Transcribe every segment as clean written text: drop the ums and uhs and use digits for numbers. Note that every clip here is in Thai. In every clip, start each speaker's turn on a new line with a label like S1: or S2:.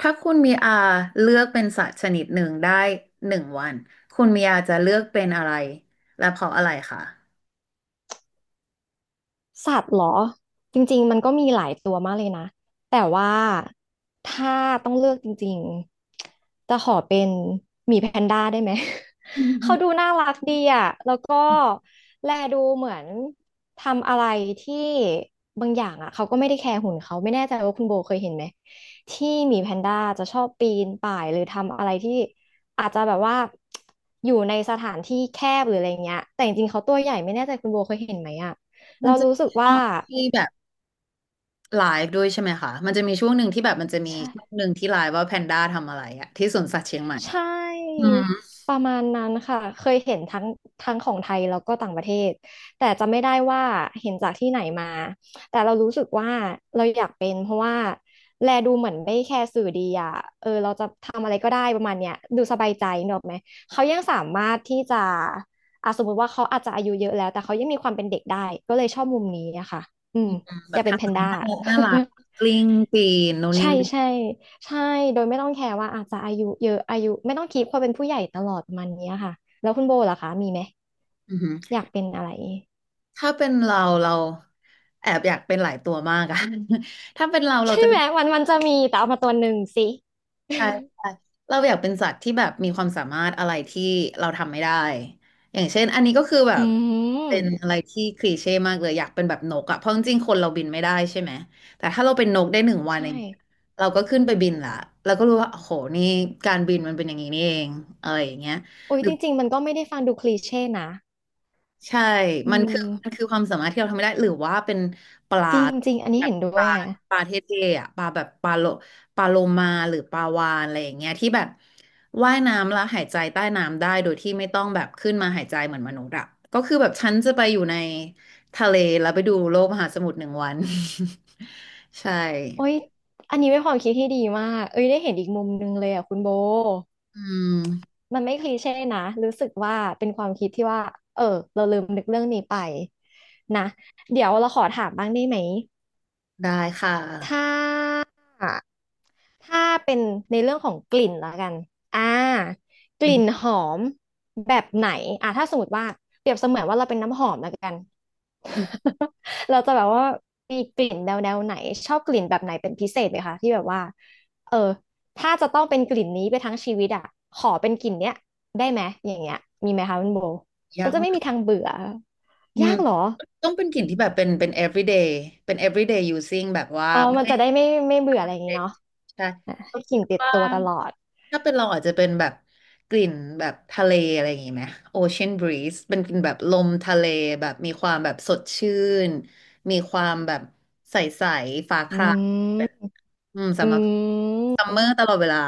S1: ถ้าคุณมีอาเลือกเป็นสัตว์ชนิดหนึ่งได้หนึ่งวันคุณมีอาจะเลือกเป็นอะไรและเพราะอะไรคะ
S2: สัตว์เหรอจริงๆมันก็มีหลายตัวมากเลยนะแต่ว่าถ้าต้องเลือกจริงๆจะขอเป็นหมีแพนด้าได้ไหม เขาดูน่ารักดีอ่ะแล้วก็แลดูเหมือนทำอะไรที่บางอย่างอ่ะเขาก็ไม่ได้แคร์หุ่นเขาไม่แน่ใจว่าคุณโบเคยเห็นไหมที่หมีแพนด้าจะชอบปีนป่ายหรือทำอะไรที่อาจจะแบบว่าอยู่ในสถานที่แคบหรืออะไรเงี้ยแต่จริงๆเขาตัวใหญ่ไม่แน่ใจคุณโบเคยเห็นไหมอ่ะ
S1: มัน
S2: เรา
S1: จะ
S2: รู้
S1: มี
S2: สึก
S1: ช่
S2: ว่า
S1: องที่แบบไลฟ์ด้วยใช่ไหมคะมันจะมีช่วงหนึ่งที่แบบมันจะมี
S2: ใช่
S1: ช่วงหนึ่งที่ไลฟ์ว่าแพนด้าทำอะไรอะที่สวนสัตว์เชียงใหม่
S2: ใช่
S1: อืม
S2: ประมาณนั้นค่ะเคยเห็นทั้งของไทยแล้วก็ต่างประเทศแต่จะไม่ได้ว่าเห็นจากที่ไหนมาแต่เรารู้สึกว่าเราอยากเป็นเพราะว่าแลดูเหมือนไม่แคร์สื่อดีอ่ะเออเราจะทำอะไรก็ได้ประมาณเนี้ยดูสบายใจเนกอะไหมเขายังสามารถที่จะอ่ะสมมติว่าเขาอาจจะอายุเยอะแล้วแต่เขายังมีความเป็นเด็กได้ก็เลยชอบมุมนี้นะคะอืม
S1: แบ
S2: อ
S1: บ
S2: ยากเป็น
S1: ทำ
S2: แพ
S1: อะ
S2: น
S1: ไร
S2: ด้า
S1: น่ารักน่ารัก กลิ้งปีนนู่นนี่
S2: ใช่
S1: นั่น
S2: ใช่ใช่โดยไม่ต้องแคร์ว่าอาจจะอายุเยอะอายุไม่ต้องคีพความเป็นผู้ใหญ่ตลอดประมันเนี้ยค่ะแล้วคุณโบล่ะคะมีไหม
S1: อือหือ
S2: อยากเป็นอะไร
S1: ถ้าเป็นเราแอบอยากเป็นหลายตัวมากอะ ถ้าเป็นเราเรา
S2: ใช่
S1: จะ
S2: ไหมมันจะมีแต่เอามาตัวหนึ่งสิ
S1: ใช่ใช่เราอยากเป็นสัตว์ที่แบบมีความสามารถอะไรที่เราทำไม่ได้อย่างเช่นอันนี้ก็คือแบ
S2: อื
S1: บ
S2: ม
S1: เป็นอะไรที่คลีเช่มากเลยอยากเป็นแบบนกอะเพราะจริงๆคนเราบินไม่ได้ใช่ไหมแต่ถ้าเราเป็นนกได้หนึ่งวันอ
S2: ใช่
S1: ย่างเงี้ยเราก็ขึ้นไปบินละเราก็รู้ว่าโอ้โหนี่การบินมันเป็นอย่างนี้นี่เองอะไรอย่างเงี้ย
S2: โอ้ยจริงๆมันก็ไม่ได้ฟังดูคลีเช่นะ
S1: ใช่
S2: อื
S1: มันคือมันคื
S2: ม
S1: อความสามารถที่เราทำไม่ได้หรือว่าเป็นปลา
S2: จริงๆอันนี้
S1: แบบ
S2: เห็นด้
S1: ป
S2: ว
S1: ลา
S2: ยฮะ
S1: ปลาเท่ๆอ่ะปลาแบบปลาโลปลาโลมาหรือปลาวาฬอะไรอย่างเงี้ยที่แบบว่ายน้ำแล้วหายใจใต้น้ำได้โดยที่ไม่ต้องแบบขึ้นมาหายใจเหมือนมนุษย์อ่ะก็คือแบบฉันจะไปอยู่ในทะเลแล้วไปดูโลกมหาสมุทรหนึ่งวัน ใช่
S2: โอ้ยอันนี้เป็นความคิดที่ดีมากเอ้ยได้เห็นอีกมุมหนึงเลยอ่ะคุณโบ
S1: อืม
S2: มันไม่คลีเช่นะรู้สึกว่าเป็นความคิดที่ว่าเออเราลืมนึกเรื่องนี้ไปนะเดี๋ยวเราขอถามบ้างได้ไหม
S1: ได้ค่ะ
S2: ถ้า ถ้าเป็นในเรื่องของกลิ่นแล้วกันอ่าก
S1: อื
S2: ลิ่
S1: ม
S2: นหอมแบบไหนถ้าสมมติว่าเปรียบเสมือนว่าเราเป็นน้ำหอมแล้วกัน
S1: อืม
S2: เราจะแบบว่ามีกลิ่นแนวไหนชอบกลิ่นแบบไหนเป็นพิเศษไหมคะที่แบบว่าเออถ้าจะต้องเป็นกลิ่นนี้ไปทั้งชีวิตอ่ะขอเป็นกลิ่นเนี้ยได้ไหมอย่างเงี้ยมีไหมคะคุณโบฉั
S1: ยั
S2: น
S1: ง
S2: จะไม่มีทางเบื่อ
S1: อื
S2: ยา
S1: ม
S2: กเหรอ
S1: ต้องเป็นกลิ่นที่แบบเป็น everyday เป็น everyday using แบบว่า
S2: อ๋อมันจะได้ไม่เบื่ออะไรอย่างงี้
S1: เด็ก
S2: เนาะ
S1: ใช่
S2: อ่ะ
S1: เรา
S2: ให้กลิ่
S1: คิ
S2: น
S1: ด
S2: ติด
S1: ว่า
S2: ตัวตลอด
S1: ถ้าเป็นเราอาจจะเป็นแบบกลิ่นแบบทะเลอะไรอย่างงี้ไหมโอเชียนบรีซเป็นกลิ่นแบบลมทะเลแบบมีความแบบสดชื่นมีความแบบใสๆฟ้าค
S2: อื
S1: ราแบ
S2: ม
S1: บอืม
S2: อื
S1: สำหรับซัมเม
S2: ม
S1: อร์ตลอดเวลา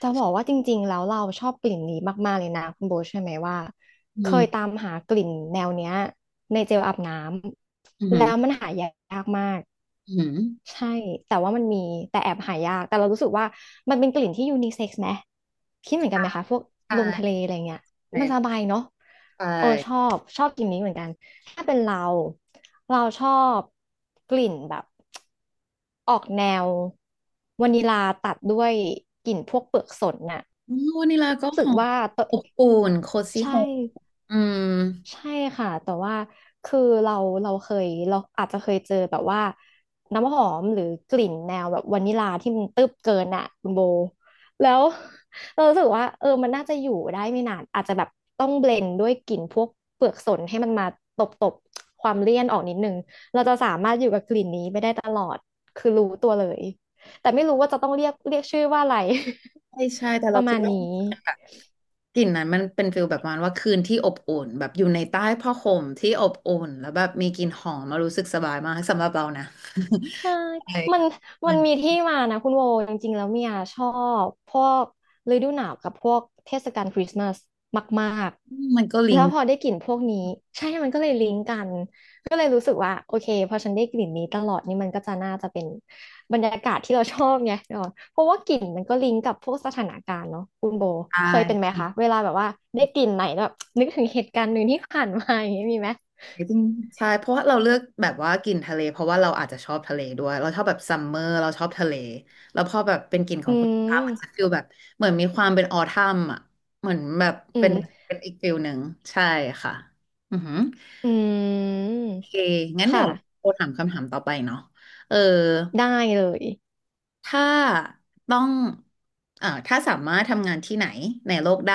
S2: จะบอกว่าจริงๆแล้วเราชอบกลิ่นนี้มากๆเลยนะคุณโบทใช่ไหมว่า
S1: อื
S2: เค
S1: ม
S2: ยตามหากลิ่นแนวเนี้ยในเจลอาบน้
S1: อื
S2: ำแล้วมั
S1: ม
S2: นหายากมาก
S1: อืม
S2: ใช่แต่ว่ามันมีแต่แอบหายากแต่เรารู้สึกว่ามันเป็นกลิ่นที่ยูนิเซ็กซ์ไหมคิดเหมือนกันไห
S1: ค่ะ
S2: มคะพวก
S1: ใช่
S2: ลมทะเลอะไรเงี้ย
S1: ใช่
S2: มันสบายเนาะ
S1: ใช่
S2: เออชอบชอบกลิ่นนี้เหมือนกันถ้าเป็นเราชอบกลิ่นแบบ ออกแนววานิลาตัดด้วยกลิ่นพวกเปลือกสนน่ะ
S1: อืมวานิลาก็
S2: รู้
S1: ห
S2: สึก
S1: อม
S2: ว่าตัว
S1: อบอุ่นโคซี่
S2: ใช่
S1: โฮมอืม
S2: ใช่ค่ะแต่ว่าคือเราอาจจะเคยเจอแบบว่าน้ำหอมหรือกลิ่นแนวแบบวานิลาที่มันตึ๊บเกินอ่ะคุณโบแล้ว เรารู้สึกว่าเออมันน่าจะอยู่ได้ไม่นานอาจจะแบบต้องเบลนด์ด้วยกลิ่นพวกเปลือกสนให้มันมาตบตบความเลี่ยนออกนิดนึงเราจะสามารถอยู่กับกลิ่นนี้ไปได้ตลอดคือรู้ตัวเลยแต่ไม่รู้ว่าจะต้องเรียกชื่อว่าอะไร
S1: ใช่ใช่แต่
S2: ป
S1: เรา
S2: ระ
S1: คิ
S2: มา
S1: ด
S2: ณ
S1: ว่า
S2: นี้
S1: กลิ่นนั้นมันเป็นฟิลแบบประมาณว่าคืนที่อบอุ่นแบบอยู่ในใต้ผ้าห่มที่อบอุ่นแล้วแบบมีกลิ่นหอมมารู้สึกสบายมากสำหรับเรานะ
S2: ใช่
S1: ใช่
S2: มันมั
S1: มั
S2: น
S1: น
S2: มีที่มานะคุณโวจริงๆแล้วเมียชอบพวกฤดูหนาวกับพวกเทศกาลคริสต์มาสมาก
S1: มันก็
S2: ๆ
S1: ลิ
S2: แล้
S1: ง
S2: ว
S1: ก์
S2: พอได้กลิ่นพวกนี้ใช่มันก็เลยลิงก์กันก็เลยรู้สึกว่าโอเคพอฉันได้กลิ่นนี้ตลอดนี่มันก็จะน่าจะเป็นบรรยากาศที่เราชอบไงเออเพราะว่ากลิ่นมันก็ลิงก์กับพวกสถานการณ์เนาะคุณโบ
S1: ได้
S2: เคยเป็นไหม
S1: จ
S2: คะ
S1: ร
S2: เวลาแบบว่าได้กลิ่นไหนแล้วแบบนึกถึงเหตุการณ์หนึ่งที่ผ่านมาอย่างนี้มีไหม
S1: ิงๆใช่เพราะว่าเราเลือกแบบว่ากลิ่นทะเลเพราะว่าเราอาจจะชอบทะเลด้วยเราชอบแบบซัมเมอร์เราชอบทะเลแล้วพอแบบเป็นกลิ่นขอ
S2: อื
S1: งคุณตา
S2: ม
S1: มันจะฟิลแบบเหมือนมีความเป็นออทัมอ่ะเหมือนแบบ
S2: อื
S1: เป็น
S2: ม
S1: เป็นอีกฟิลหนึ่งใช่ค่ะอือหือ
S2: อืม
S1: โอเคงั้นเดี๋ย
S2: ค่ะ
S1: วโอถามคำถามต่อไปเนาะเออ
S2: ได้เลย
S1: ถ้าต้องถ้าสามารถทำงานที่ไหนในโลกได้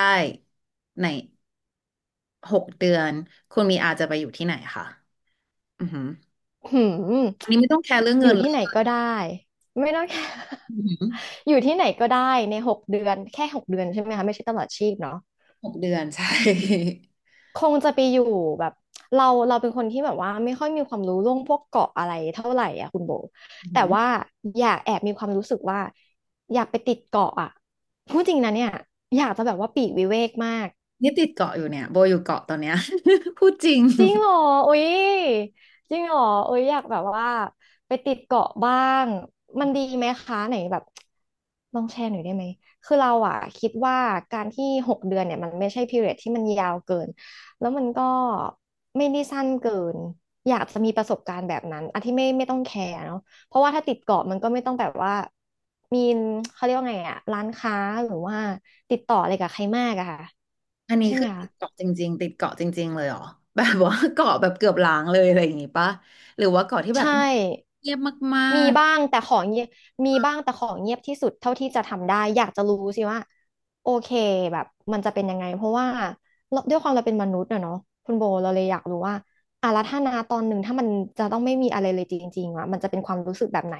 S1: ในหกเดือนคุณมีอาจะไปอยู่ที่ไหนคะอือหือ
S2: หืม
S1: อันนี้ไม่ต้องแคร์เรื่อง
S2: อ
S1: เงิ
S2: ยู่
S1: นเล
S2: ที่
S1: ย
S2: ไหนก็ได้ไม่ต้อง แค่
S1: อือหือ
S2: อยู่ที่ไหนก็ได้ในหกเดือนแค่หกเดือนใช่ไหมคะไม่ใช่ตลอดชีพเนาะ
S1: หกเดือนใช่
S2: คงจะไปอยู่แบบเราเป็นคนที่แบบว่าไม่ค่อยมีความรู้เรื่องพวกเกาะอะไรเท่าไหร่อ่ะคุณโบ
S1: อื
S2: แต่
S1: ม
S2: ว่าอยากแอบมีความรู้สึกว่าอยากไปติดเกาะอ่ะพูดจริงนะเนี่ยอยากจะแบบว่าปลีกวิเวกมาก
S1: นี่ติดเกาะอยู่เนี่ยโบอยู่เกาะตอนเนี้ย พูดจริง
S2: จริงเหรออุ๊ยจริงเหรออุ๊ยอยากแบบว่าไปติดเกาะบ้างมันดีไหมคะไหนแบบลองแชร์หน่อยได้ไหมคือเราอะคิดว่าการที่หกเดือนเนี่ยมันไม่ใช่ period ที่มันยาวเกินแล้วมันก็ไม่ได้สั้นเกินอยากจะมีประสบการณ์แบบนั้นอันที่ไม่ต้องแคร์เนาะเพราะว่าถ้าติดเกาะมันก็ไม่ต้องแบบว่ามีเขาเรียกว่าไงอะร้านค้าหรือว่าติดต่ออะไรกับใครมากอะค่ะ
S1: อันนี้
S2: ใช่ไห
S1: คื
S2: ม
S1: อติ
S2: คะ
S1: ดเกาะจริงๆติดเกาะจริงๆเลยเหรอแบบว่าเกาะแบบเกือบล้างเลยอะไรอย่างงี้ปะหรือว่าเกาะที่แบบ
S2: ใช่
S1: เงียบมา
S2: มี
S1: ก
S2: บ้างแต่ของเงียบ มีบ้างแต่ของเงียบที่สุดเท่าที่จะทำได้ อยากจะรู้สิว่าโอเคแบบมันจะเป็นยังไงเพราะว่าเราด้วยความเราเป็นมนุษย์อะเนาะคุณโบเราเลยอยากรู้ว่าอ่ะแล้วถ้านาตอนหนึ่งถ้ามันจะต้องไม่มีอะไรเลยจริงๆอะมันจะเป็นความรู้สึกแบบไหน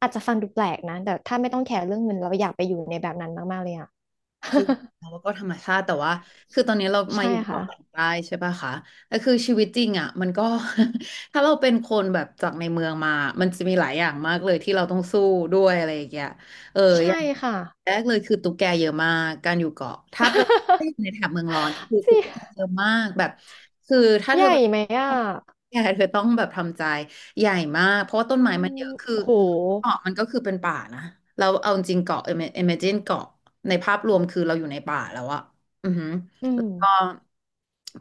S2: อาจจะฟังดูแปลกนะแต่ถ้าไม่ต้องแคร์เรื่องเงินเราอยากไปอยู่ในแบบนั้นมากๆเลยอะ
S1: จริงแล้วก็ธรรมชาติแต่ว่าคือตอนนี้เรา มา
S2: ใช่
S1: อยู่เกาะกลาง
S2: ค่ะ
S1: ใต้ใช่ป่ะคะแต่คือชีวิตจริงอ่ะมันก็ ถ้าเราเป็นคนแบบจากในเมืองมามันจะมีหลายอย่างมากเลยที่เราต้องสู้ด้วยอะไรอย่างเงี้ยเอออ
S2: ใช่
S1: ย่าง
S2: ค่ะ
S1: แรกเลยคือตุ๊กแกเยอะมากการอยู่เกาะถ้าไปในแถบเมืองร้อนคือ
S2: สิ
S1: ตุ๊กแกเยอะมากแบบคือถ้า
S2: ให
S1: เธอ
S2: ญ่
S1: เป็น
S2: ไหมอ่ะ
S1: ตุ๊กแกเธอต้องแบบทำใจใหญ่มากเพราะว่าต้น
S2: อื
S1: ไม้มันเยอะ
S2: ม
S1: คือ
S2: โห
S1: เกาะมันก็คือเป็นป่านะเราเอาจริงเกาะ imagine เกาะ ในภาพรวมคือเราอยู่ในป่าแล้วอะอือหือ
S2: อื
S1: แล้
S2: ม
S1: วก็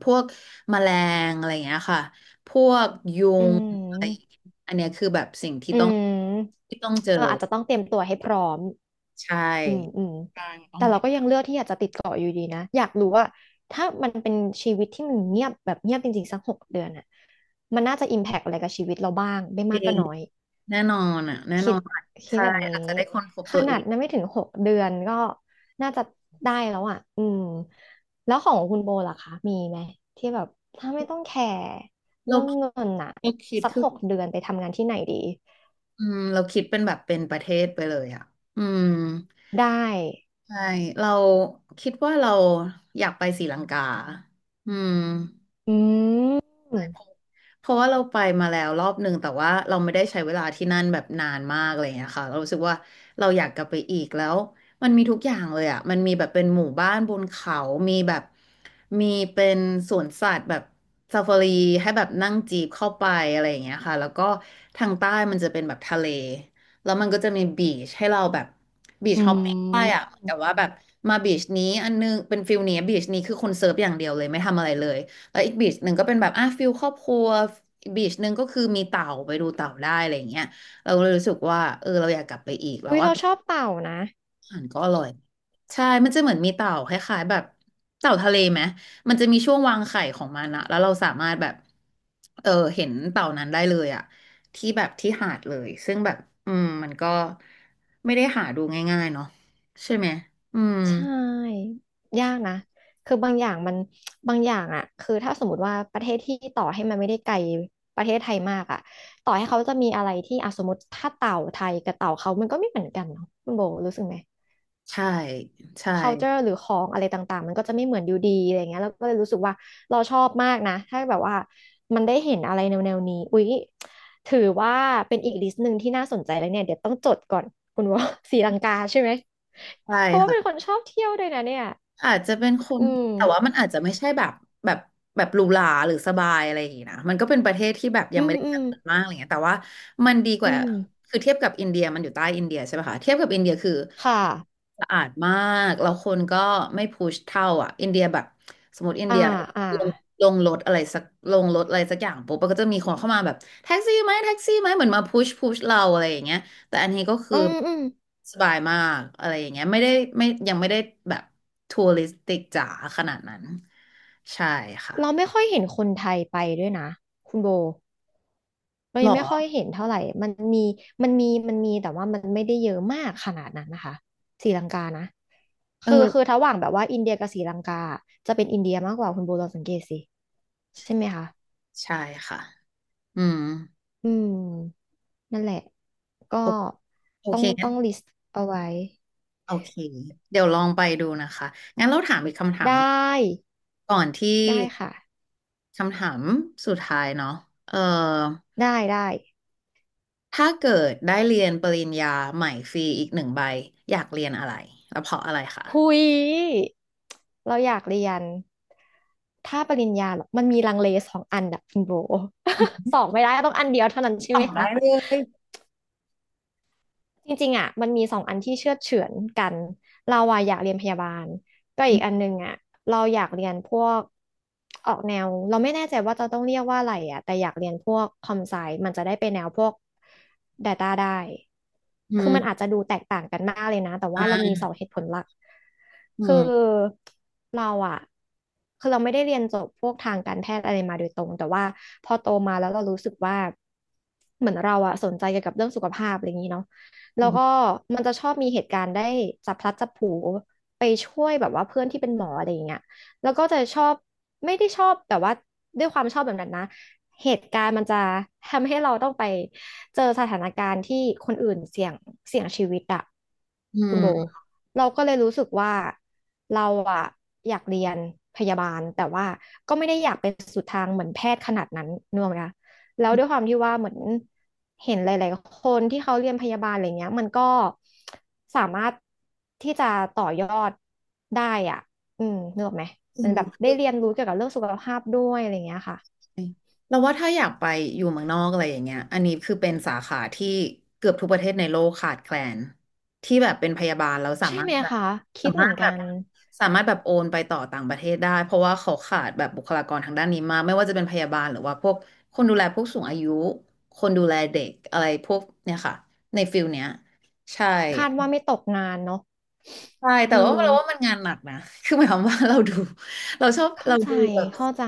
S1: พวกแมลงอะไรอย่างเงี้ยค่ะ พวกยุ
S2: อื
S1: งอะไรอย่างเงี้
S2: ม
S1: ยอันเนี้ยคือแบบสิ่งที่
S2: อื
S1: ต้อง
S2: ม
S1: ที่ต้องเจอ
S2: เอออาจจะต้องเตรียมตัวให้พร้อม
S1: ใช่
S2: อืมอืม
S1: ใช่ต้อง
S2: แต่เราก็ยังเลือกที่อยากจะติดเกาะอยู่ดีนะ อยากรู้ว่าถ้ามันเป็นชีวิตที่มันเงียบแบบเงียบจริงๆสักหกเดือนอ่ะมันน่าจะอิมแพกอะไรกับชีวิตเราบ้างไม่
S1: เอ
S2: มากก็
S1: ง
S2: น้อย
S1: แน่นอนอ่ะแน่
S2: คิ
S1: นอ
S2: ด
S1: นอ
S2: คิด
S1: ใช่
S2: แบบนี้
S1: อาจจะได้ค้นพบ
S2: ข
S1: ตัวเอ
S2: นาด
S1: ง
S2: นั้นไม่ถึงหกเดือนก็น่าจะได้แล้วอ่ะอืมแล้วของคุณโบล่ะคะมีไหมที่แบบถ้าไม่ต้องแคร์
S1: เรา
S2: เรื่องเงินน่ะ
S1: เราคิด
S2: สัก
S1: คื
S2: ห
S1: อ
S2: กเดือนไปทำงานที่ไหนดี
S1: อืมเราคิดเป็นแบบเป็นประเทศไปเลยอ่ะอืม
S2: ได้
S1: ใช่เราคิดว่าเราอยากไปศรีลังกาอืม
S2: อืม
S1: ใช่เพราะเพราะว่าเราไปมาแล้วรอบหนึ่งแต่ว่าเราไม่ได้ใช้เวลาที่นั่นแบบนานมากอะไรอย่างเงี้ยค่ะเรารู้สึกว่าเราอยากกลับไปอีกแล้วมันมีทุกอย่างเลยอ่ะมันมีแบบเป็นหมู่บ้านบนเขามีแบบมีเป็นสวนสัตว์แบบซาฟารีให้แบบนั่งจีบเข้าไปอะไรอย่างเงี้ยค่ะแล้วก็ทางใต้มันจะเป็นแบบทะเลแล้วมันก็จะมีบีชให้เราแบบบีช
S2: อื
S1: ฮอปปิ้งได้อ่ะแต่
S2: ม
S1: ว่าแบบมาบีชนี้อันนึงเป็นฟิลนี้บีชนี้คือคนเซิร์ฟอย่างเดียวเลยไม่ทำอะไรเลย แล้วอีกบีชหนึ่งก็เป็นแบบอ่ะฟิลครอบครัวอีกบีชหนึ่งก็คือมีเต่าไปดูเต่าได้อะไรอย่างเงี้ยเราเลยรู้สึกว่าเออเราอยากกลับไปอีกแล้ว
S2: อุ้ย
S1: ว่า
S2: เราชอบเต่านะ
S1: อาหารก็อร่อยใช่มันจะเหมือนมีเต่าคล้ายๆแบบเต่าทะเลไหมมันจะมีช่วงวางไข่ของมันอะแล้วเราสามารถแบบเออเห็นเต่านั้นได้เลยอะที่แบบที่หาดเลยซึ่งแบบอืมมันก็ไม่ได้หาดูง่ายๆเนาะใช่ไหมอืม
S2: ใช่ยากนะคือบางอย่างมันบางอย่างอ่ะคือถ้าสมมติว่าประเทศที่ต่อให้มันไม่ได้ไกลประเทศไทยมากอ่ะต่อให้เขาจะมีอะไรที่อ่ะสมมติถ้าเต่าไทยกับเต่าเขามันก็ไม่เหมือนกันเนาะคุณโบรู้สึกไหม
S1: ใช่ใช่
S2: culture หรือของอะไรต่างๆมันก็จะไม่เหมือนอยู่ดีอะไรเงี้ยแล้วก็เลยรู้สึกว่าเราชอบมากนะถ้าแบบว่ามันได้เห็นอะไรแนวๆนวนี้อุ๊ยถือว่าเป็นอีกลิสต์หนึ่งที่น่าสนใจแล้วเนี่ยเดี๋ยวต้องจดก่อนคุณว่า ศรีลังกาใช่ไหม
S1: ใช่
S2: เพราะว่า
S1: ค่ะ
S2: เป็นคนชอบเที่ยวด้วยนะเนี่ย
S1: อาจจะเป็นคน
S2: อื
S1: แต่ว่า
S2: ม
S1: มันอาจจะไม่ใช่แบบแบบแบบหรูหราหรือสบายอะไรอย่างงี้นะมันก็เป็นประเทศที่แบบยั
S2: อื
S1: งไม่
S2: ม
S1: ได้
S2: อื
S1: เจ
S2: ม
S1: ริญมากอะไรเงี้ยแต่ว่ามันดีก
S2: อื
S1: ว่า
S2: ม
S1: คือเทียบกับอินเดียมันอยู่ใต้อินเดียใช่ไหมคะเทียบกับอินเดียคือ
S2: ค่ะ
S1: สะอาดมากแล้วคนก็ไม่พุชเท่าอ่ะอินเดียแบบสมมติอิน
S2: อ่า
S1: เดีย
S2: อ่า
S1: ลงลงรถอะไรสักลงรถอะไรสักอย่างปุ๊บมันก็จะมีคนเข้ามาแบบแท็กซี่ไหมแท็กซี่ไหมเหมือนมาพุชพุชเราอะไรอย่างเงี้ย แต่อันนี้ก็คื
S2: อื
S1: อ
S2: มอืม
S1: สบายมากอะไรอย่างเงี้ยไม่ได้ไม่ยังไม่ได้แบบทัวริสติกจ๋าขนาดนั้นใช่ค่ะ
S2: เราไม่ค่อยเห็นคนไทยไปด้วยนะคุณโบเรา
S1: หร
S2: ยังไม่ค่อย
S1: อ
S2: เห็นเท่าไหร่มันมีแต่ว่ามันไม่ได้เยอะมากขนาดนั้นนะคะศรีลังกานะ
S1: เออ
S2: คือคือระหว่างแบบว่าอินเดียกับศรีลังกาอะจะเป็นอินเดียมากกว่าคุณโบลองสังเกตสิใช่ไหมคะ
S1: ใช่ค่ะอืม
S2: อืมนั่นแหละก็
S1: โอโอ
S2: ต้อ
S1: เค
S2: ง
S1: งั้
S2: ต้อ
S1: น
S2: งลิสต์เอาไว้
S1: โอเคเดี๋ยวลองไปดูนะคะงั้นเราถามอีกคำถาม
S2: ได้
S1: ก่อนที่
S2: ได้ค่ะ
S1: คำถามสุดท้ายเนาะเออ
S2: ได้ได้
S1: ถ้าเกิดได้เรียนปริญญาใหม่ฟรีอีกหนึ่งใบอยากเรียนอะไรแล้วเพราะอะไร
S2: หุ
S1: คะ
S2: ยเราอยากเรียนถ้าปริญญาเหรอมันมีลังเลสองอันอะคุณโบ สองไม่ได้ต้องอันเดียวเท่านั้นใช่
S1: ตอ
S2: ไหม
S1: บ
S2: คะ
S1: ได้เลย
S2: จริงๆอ่ะมันมีสองอันที่เชื่อดเฉือนกันเราอ่ะอยากเรียนพยาบาลก็อีกอันนึงอ่ะเราอยากเรียนพวกออกแนวเราไม่แน่ใจว่าจะต้องเรียกว่าอะไรอ่ะแต่อยากเรียนพวกคอมไซมันจะได้ไปแนวพวก Data ได้
S1: อื
S2: คือมันอา
S1: ม
S2: จจะดูแตกต่างกันมากเลยนะแต่
S1: อ่
S2: ว่าเรามี
S1: า
S2: สองเหตุผลหลัก
S1: อื
S2: คือ
S1: ม
S2: เราอ่ะคือเราไม่ได้เรียนจบพวกทางการแพทย์อะไรมาโดยตรงแต่ว่าพอโตมาแล้วเรารู้สึกว่าเหมือนเราอ่ะสนใจเกี่ยวกับเรื่องสุขภาพอะไรอย่างนี้เนาะ แล้
S1: อื
S2: วก็มันจะชอบมีเหตุการณ์ได้จับพลัดจับผลูไปช่วยแบบว่าเพื่อนที่เป็นหมออะไรอย่างเงี้ยแล้วก็จะชอบไม่ได้ชอบแต่ว่าด้วยความชอบแบบนั้นนะเหตุการณ์มันจะทำให้เราต้องไปเจอสถานการณ์ที่คนอื่นเสี่ยงเสี่ยงชีวิตอะคุณโบ
S1: ม
S2: เราก็เลยรู้สึกว่าเราอะอยากเรียนพยาบาลแต่ว่าก็ไม่ได้อยากเป็นสุดทางเหมือนแพทย์ขนาดนั้นนึกออกไหมคะ แล้วด้วยความที่ว่าเหมือนเห็นหลายๆคนที่เขาเรียนพยาบาลอะไรเงี้ยมันก็สามารถที่จะต่อยอดได้อ่ะอืมนึกออกไหม
S1: จริ
S2: มั
S1: ง
S2: นแบบ
S1: เล
S2: ได้เรียนรู้เกี่ยวกับเรื่องสุขภาพด้วยอะไรเงี้ยค่ะ
S1: ยเราว่าถ้าอยากไปอยู่เมืองนอกอะไรอย่างเงี้ยอันนี้คือเป็นสาขาที่เกือบทุกประเทศในโลกขาดแคลนที่แบบเป็นพยาบาลแล้วสา
S2: ใช่
S1: มาร
S2: ไห
S1: ถ
S2: ม
S1: แบบ
S2: คะคิ
S1: สา
S2: ดเห
S1: มา
S2: มื
S1: ร
S2: อน
S1: ถแบ
S2: กั
S1: บ
S2: น
S1: สามารถแบบโอนไปต่อต่างประเทศได้เพราะว่าเขาขาดแบบบุคลากรทางด้านนี้มากไม่ว่าจะเป็นพยาบาลหรือว่าพวกคนดูแลผู้สูงอายุคนดูแลเด็กอะไรพวกเนี่ยค่ะในฟิลเนี้ยใช่
S2: คาดว่าไม่ตกงานเนาะ
S1: ใช่แต่
S2: อื
S1: ว่า
S2: ม
S1: เราว่ามันงานหนักนะ คือหมายความว่าเราดู เราชอบ
S2: เข้า
S1: เรา
S2: ใจ
S1: ดูแบบ
S2: เข้าใจ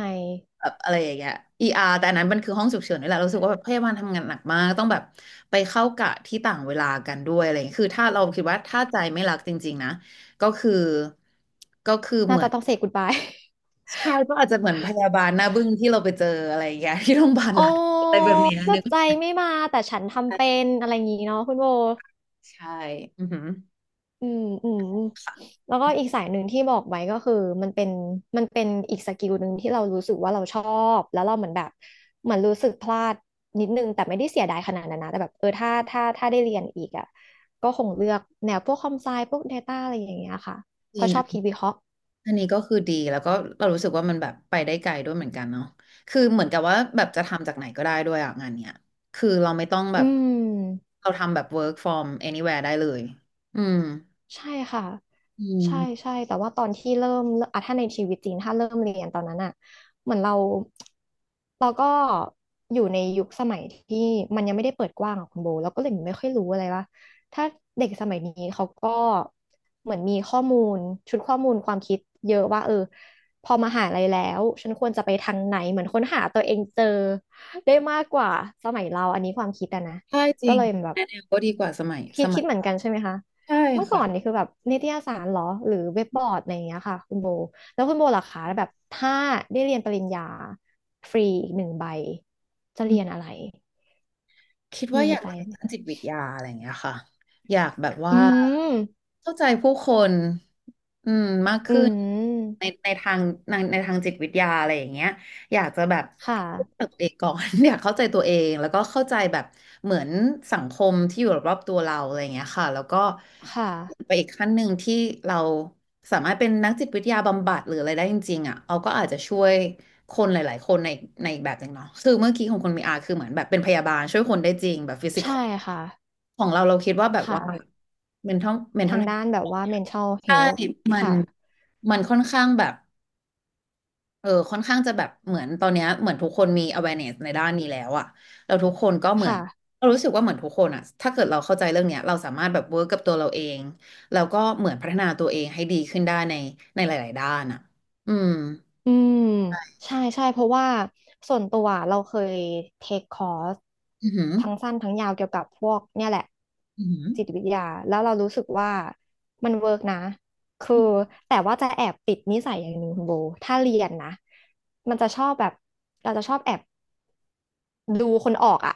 S1: แบบอะไรอย่างเงี้ย ER แต่อันนั้นมันคือห้องฉุกเฉินนี่แหละเรารู้สึกว่าแบบพยาบาลทำงานหนักมากต้องแบบไปเข้ากะที่ต่างเวลากันด้วยอะไรอย่างเงี้ยคือถ้าเราคิดว่าถ้าใจไม่รักจริงๆนะก็คือก็คือเห
S2: น่า
S1: มือ
S2: จะ
S1: น
S2: ต้องเ a y ก o ดบาย
S1: ใช่ก็อาจจะเหมือนพยาบาลหน้าบึ้งที่เราไปเจออะไรอย่างเงี้ย ที่โรงพยาบาล
S2: โอ้
S1: รัฐอะไรแบบเนี้ย
S2: แบ
S1: นึ
S2: บ
S1: ก
S2: ใจ
S1: ว่า
S2: ไม่มาแต่ฉัน
S1: ใช
S2: ทำเป็
S1: ่
S2: นอะไรอย่างงี้เนาะคุณโบ
S1: ใช่อือหือ
S2: อืมอืมแล้วก็อีกสายหนึ่งที่บอกไว้ก็คือมันเป็นมันเป็นอีกสกิลหนึ่งที่เรารู้สึกว่าเราชอบแล้วเราเหมือนแบบเหมือนรู้สึกพลาดนิดนึงแต่ไม่ได้เสียดายขนาดนั้นนะแต่แบบเออถ้าได้เรียนอีกอ่ะก็คงเลือกแนวพวกคอมไซพวก Data อะไรอย่างเงี้ยค่ะ
S1: จ
S2: เพ
S1: ริ
S2: ราะชอบคิ
S1: ง
S2: ดวิเคราะห์
S1: อันนี้ก็คือดีแล้วก็เรารู้สึกว่ามันแบบไปได้ไกลด้วยเหมือนกันเนาะคือเหมือนกับว่าแบบจะทำจากไหนก็ได้ด้วยอะงานเนี้ย คือเราไม่ต้องแบ
S2: อื
S1: บ
S2: ม
S1: เราทำแบบ work from anywhere ได้เลย อืม
S2: ใช่ค่ะ
S1: อื
S2: ใช่
S1: ม
S2: ใช่แต่ว่าตอนที่เริ่มอ่ะถ้าในชีวิตจริงถ้าเริ่มเรียนตอนนั้นอ่ะเหมือนเราเราก็อยู่ในยุคสมัยที่มันยังไม่ได้เปิดกว้างอะคุณโบเราก็เลยไม่ค่อยรู้อะไรว่าถ้าเด็กสมัยนี้เขาก็เหมือนมีข้อมูลชุดข้อมูลความคิดเยอะว่าเออพอมหาลัยแล้วฉันควรจะไปทางไหนเหมือนค้นหาตัวเองเจอได้มากกว่าสมัยเราอันนี้ความคิดอะนะ
S1: ใช่จ
S2: ก็
S1: ริง
S2: เลยแบบ
S1: ก็ดีกว่าสมัย
S2: คิดคิดเหมือนกันใช่ไหมคะ
S1: ใช่
S2: เมื่อก่อ
S1: ค่ะ
S2: นนี่คือแบบนิตยสารเหรอหรือเว็บบอร์ดอะไรอย่างเงี้ยค่ะคุณโบแล้วคุณโบล่ะคะแบบถ้าได้เรียนปริญญาฟรีอีกหนึ่งใบจะ
S1: อื
S2: เรียนอะไร
S1: คิด
S2: มี
S1: ว่าอ
S2: ใน
S1: ยาก
S2: ใจ
S1: เรียน
S2: ไหม
S1: ด้านจิตวิทยาอะไรอย่างเงี้ยค่ะอยากแบบว่า
S2: อืม
S1: เข้าใจผู้คนอืมมาก
S2: อื
S1: ขึ้นใน
S2: ม
S1: ในทางในทางจิตวิทยาอะไรอย่างเงี้ยอยากจะแบบ
S2: ค่ะ
S1: เข้าใจตัวเองก่อน อยากเข้าใจตัวเองแล้วก็เข้าใจแบบเหมือนสังคมที่อยู่รอบๆตัวเราอะไรอย่างเงี้ยค่ะแล้วก็
S2: ค่ะ
S1: ไปอีกขั้นหนึ่งที่เราสามารถเป็นนักจิตวิทยาบำบัดหรืออะไรได้จริงๆอ่ะเอาก็อาจจะช่วย คนหลาย ๆ คนในอีกแบบหนึ่งเนาะคือเมื่อกี้ของคนมีอาคือเหมือนแบบเป็นพยาบาลช่วยคนได้จริงแบบฟิสิก
S2: ใช่ค่ะ
S1: ของเราเราคิดว่าแบบ
S2: ค่ะ
S1: ว่า
S2: ทา
S1: mental
S2: ง
S1: health
S2: ด้านแบบว่า mental
S1: ใช่
S2: health
S1: มัน
S2: ค่ะ
S1: มันค่อนข้างแบบเออค่อนข้างจะแบบเหมือนตอนเนี้ยเหมือนทุกคนมี awareness ในด้านนี้แล้วอะเราทุกคนก็เหมือน
S2: ค่ะ
S1: เรารู้สึกว่าเหมือนทุกคนอะถ้าเกิดเราเข้าใจเรื่องเนี้ยเราสามารถแบบ work กับตัวเราเองแล้วก็เหมือนพัฒนาตัวเองให้ดีขึ้นได้ในหลายๆด้านอะอืม
S2: อืมใช่ใช่เพราะว่าส่วนตัวเราเคยเทคคอร์ส
S1: อือหือ
S2: ทั้งสั้นทั้งยาวเกี่ยวกับพวกเนี่ยแหละ
S1: อือหือ
S2: จิตวิทยาแล้วเรารู้สึกว่ามันเวิร์กนะคือแต่ว่าจะแอบติดนิสัยอย่างหนึ่งคุณโบถ้าเรียนนะมันจะชอบแบบเราจะชอบแอบดูคนออกอ่ะ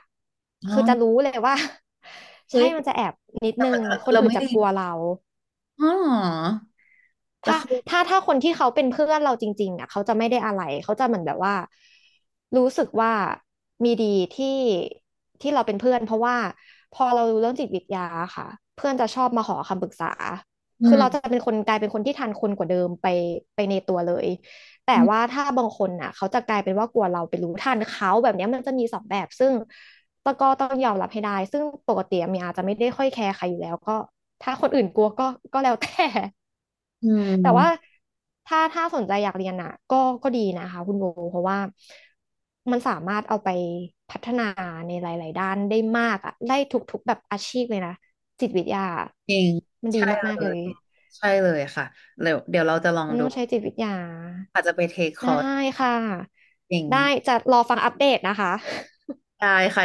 S1: อ๋อ
S2: คือจะรู้เลยว่า ใช่
S1: เฮ้ย
S2: มันจะแอบนิดนึงคน
S1: เรา
S2: อื่น
S1: ไม่
S2: จะ
S1: ดี
S2: กลัวเรา
S1: อ๋อเหรอแล้ว
S2: ถ้า
S1: เขา
S2: ถ้าคนที่เขาเป็นเพื่อนเราจริงๆอ่ะเขาจะไม่ได้อะไรเขาจะเหมือนแบบว่ารู้สึกว่ามีดีที่ที่เราเป็นเพื่อนเพราะว่าพอเรารู้เรื่องจิตวิทยาค่ะเพื่อนจะชอบมาขอคำปรึกษา
S1: อื
S2: คือเราจะ
S1: ม
S2: เป็นคนกลายเป็นคนที่ทันคนกว่าเดิมไปไปในตัวเลยแต่
S1: อื
S2: ว่า
S1: ม
S2: ถ้าบางคนน่ะเขาจะกลายเป็นว่ากลัวเราไปรู้ทันเขาแบบเนี้ยมันจะมีสองแบบซึ่งตะก็ต้องยอมรับให้ได้ซึ่งปกติเมียอาจจะไม่ได้ค่อยแคร์ใครอยู่แล้วก็ถ้าคนอื่นกลัวก็ก็แล้วแต่
S1: อื
S2: แต่ว่า
S1: ม
S2: ถ้าสนใจอยากเรียนอ่ะก็ก็ดีนะคะคุณโบเพราะว่ามันสามารถเอาไปพัฒนาในหลายๆด้านได้มากอ่ะได้ทุกๆแบบอาชีพเลยนะจิตวิทยา
S1: จริง
S2: มันดี
S1: ใช่
S2: มา
S1: เล
S2: กๆเล
S1: ย
S2: ย
S1: ใช่เลยค่ะ เดี๋ยวเราจะลอง
S2: มัน
S1: ดู
S2: ต้องใช้จิตวิทยา
S1: อาจจะไปเทคค
S2: ได้
S1: อร์ส
S2: ค่ะ
S1: จริง
S2: ได้จะรอฟังอัปเดตนะคะ
S1: ได้ค่ะ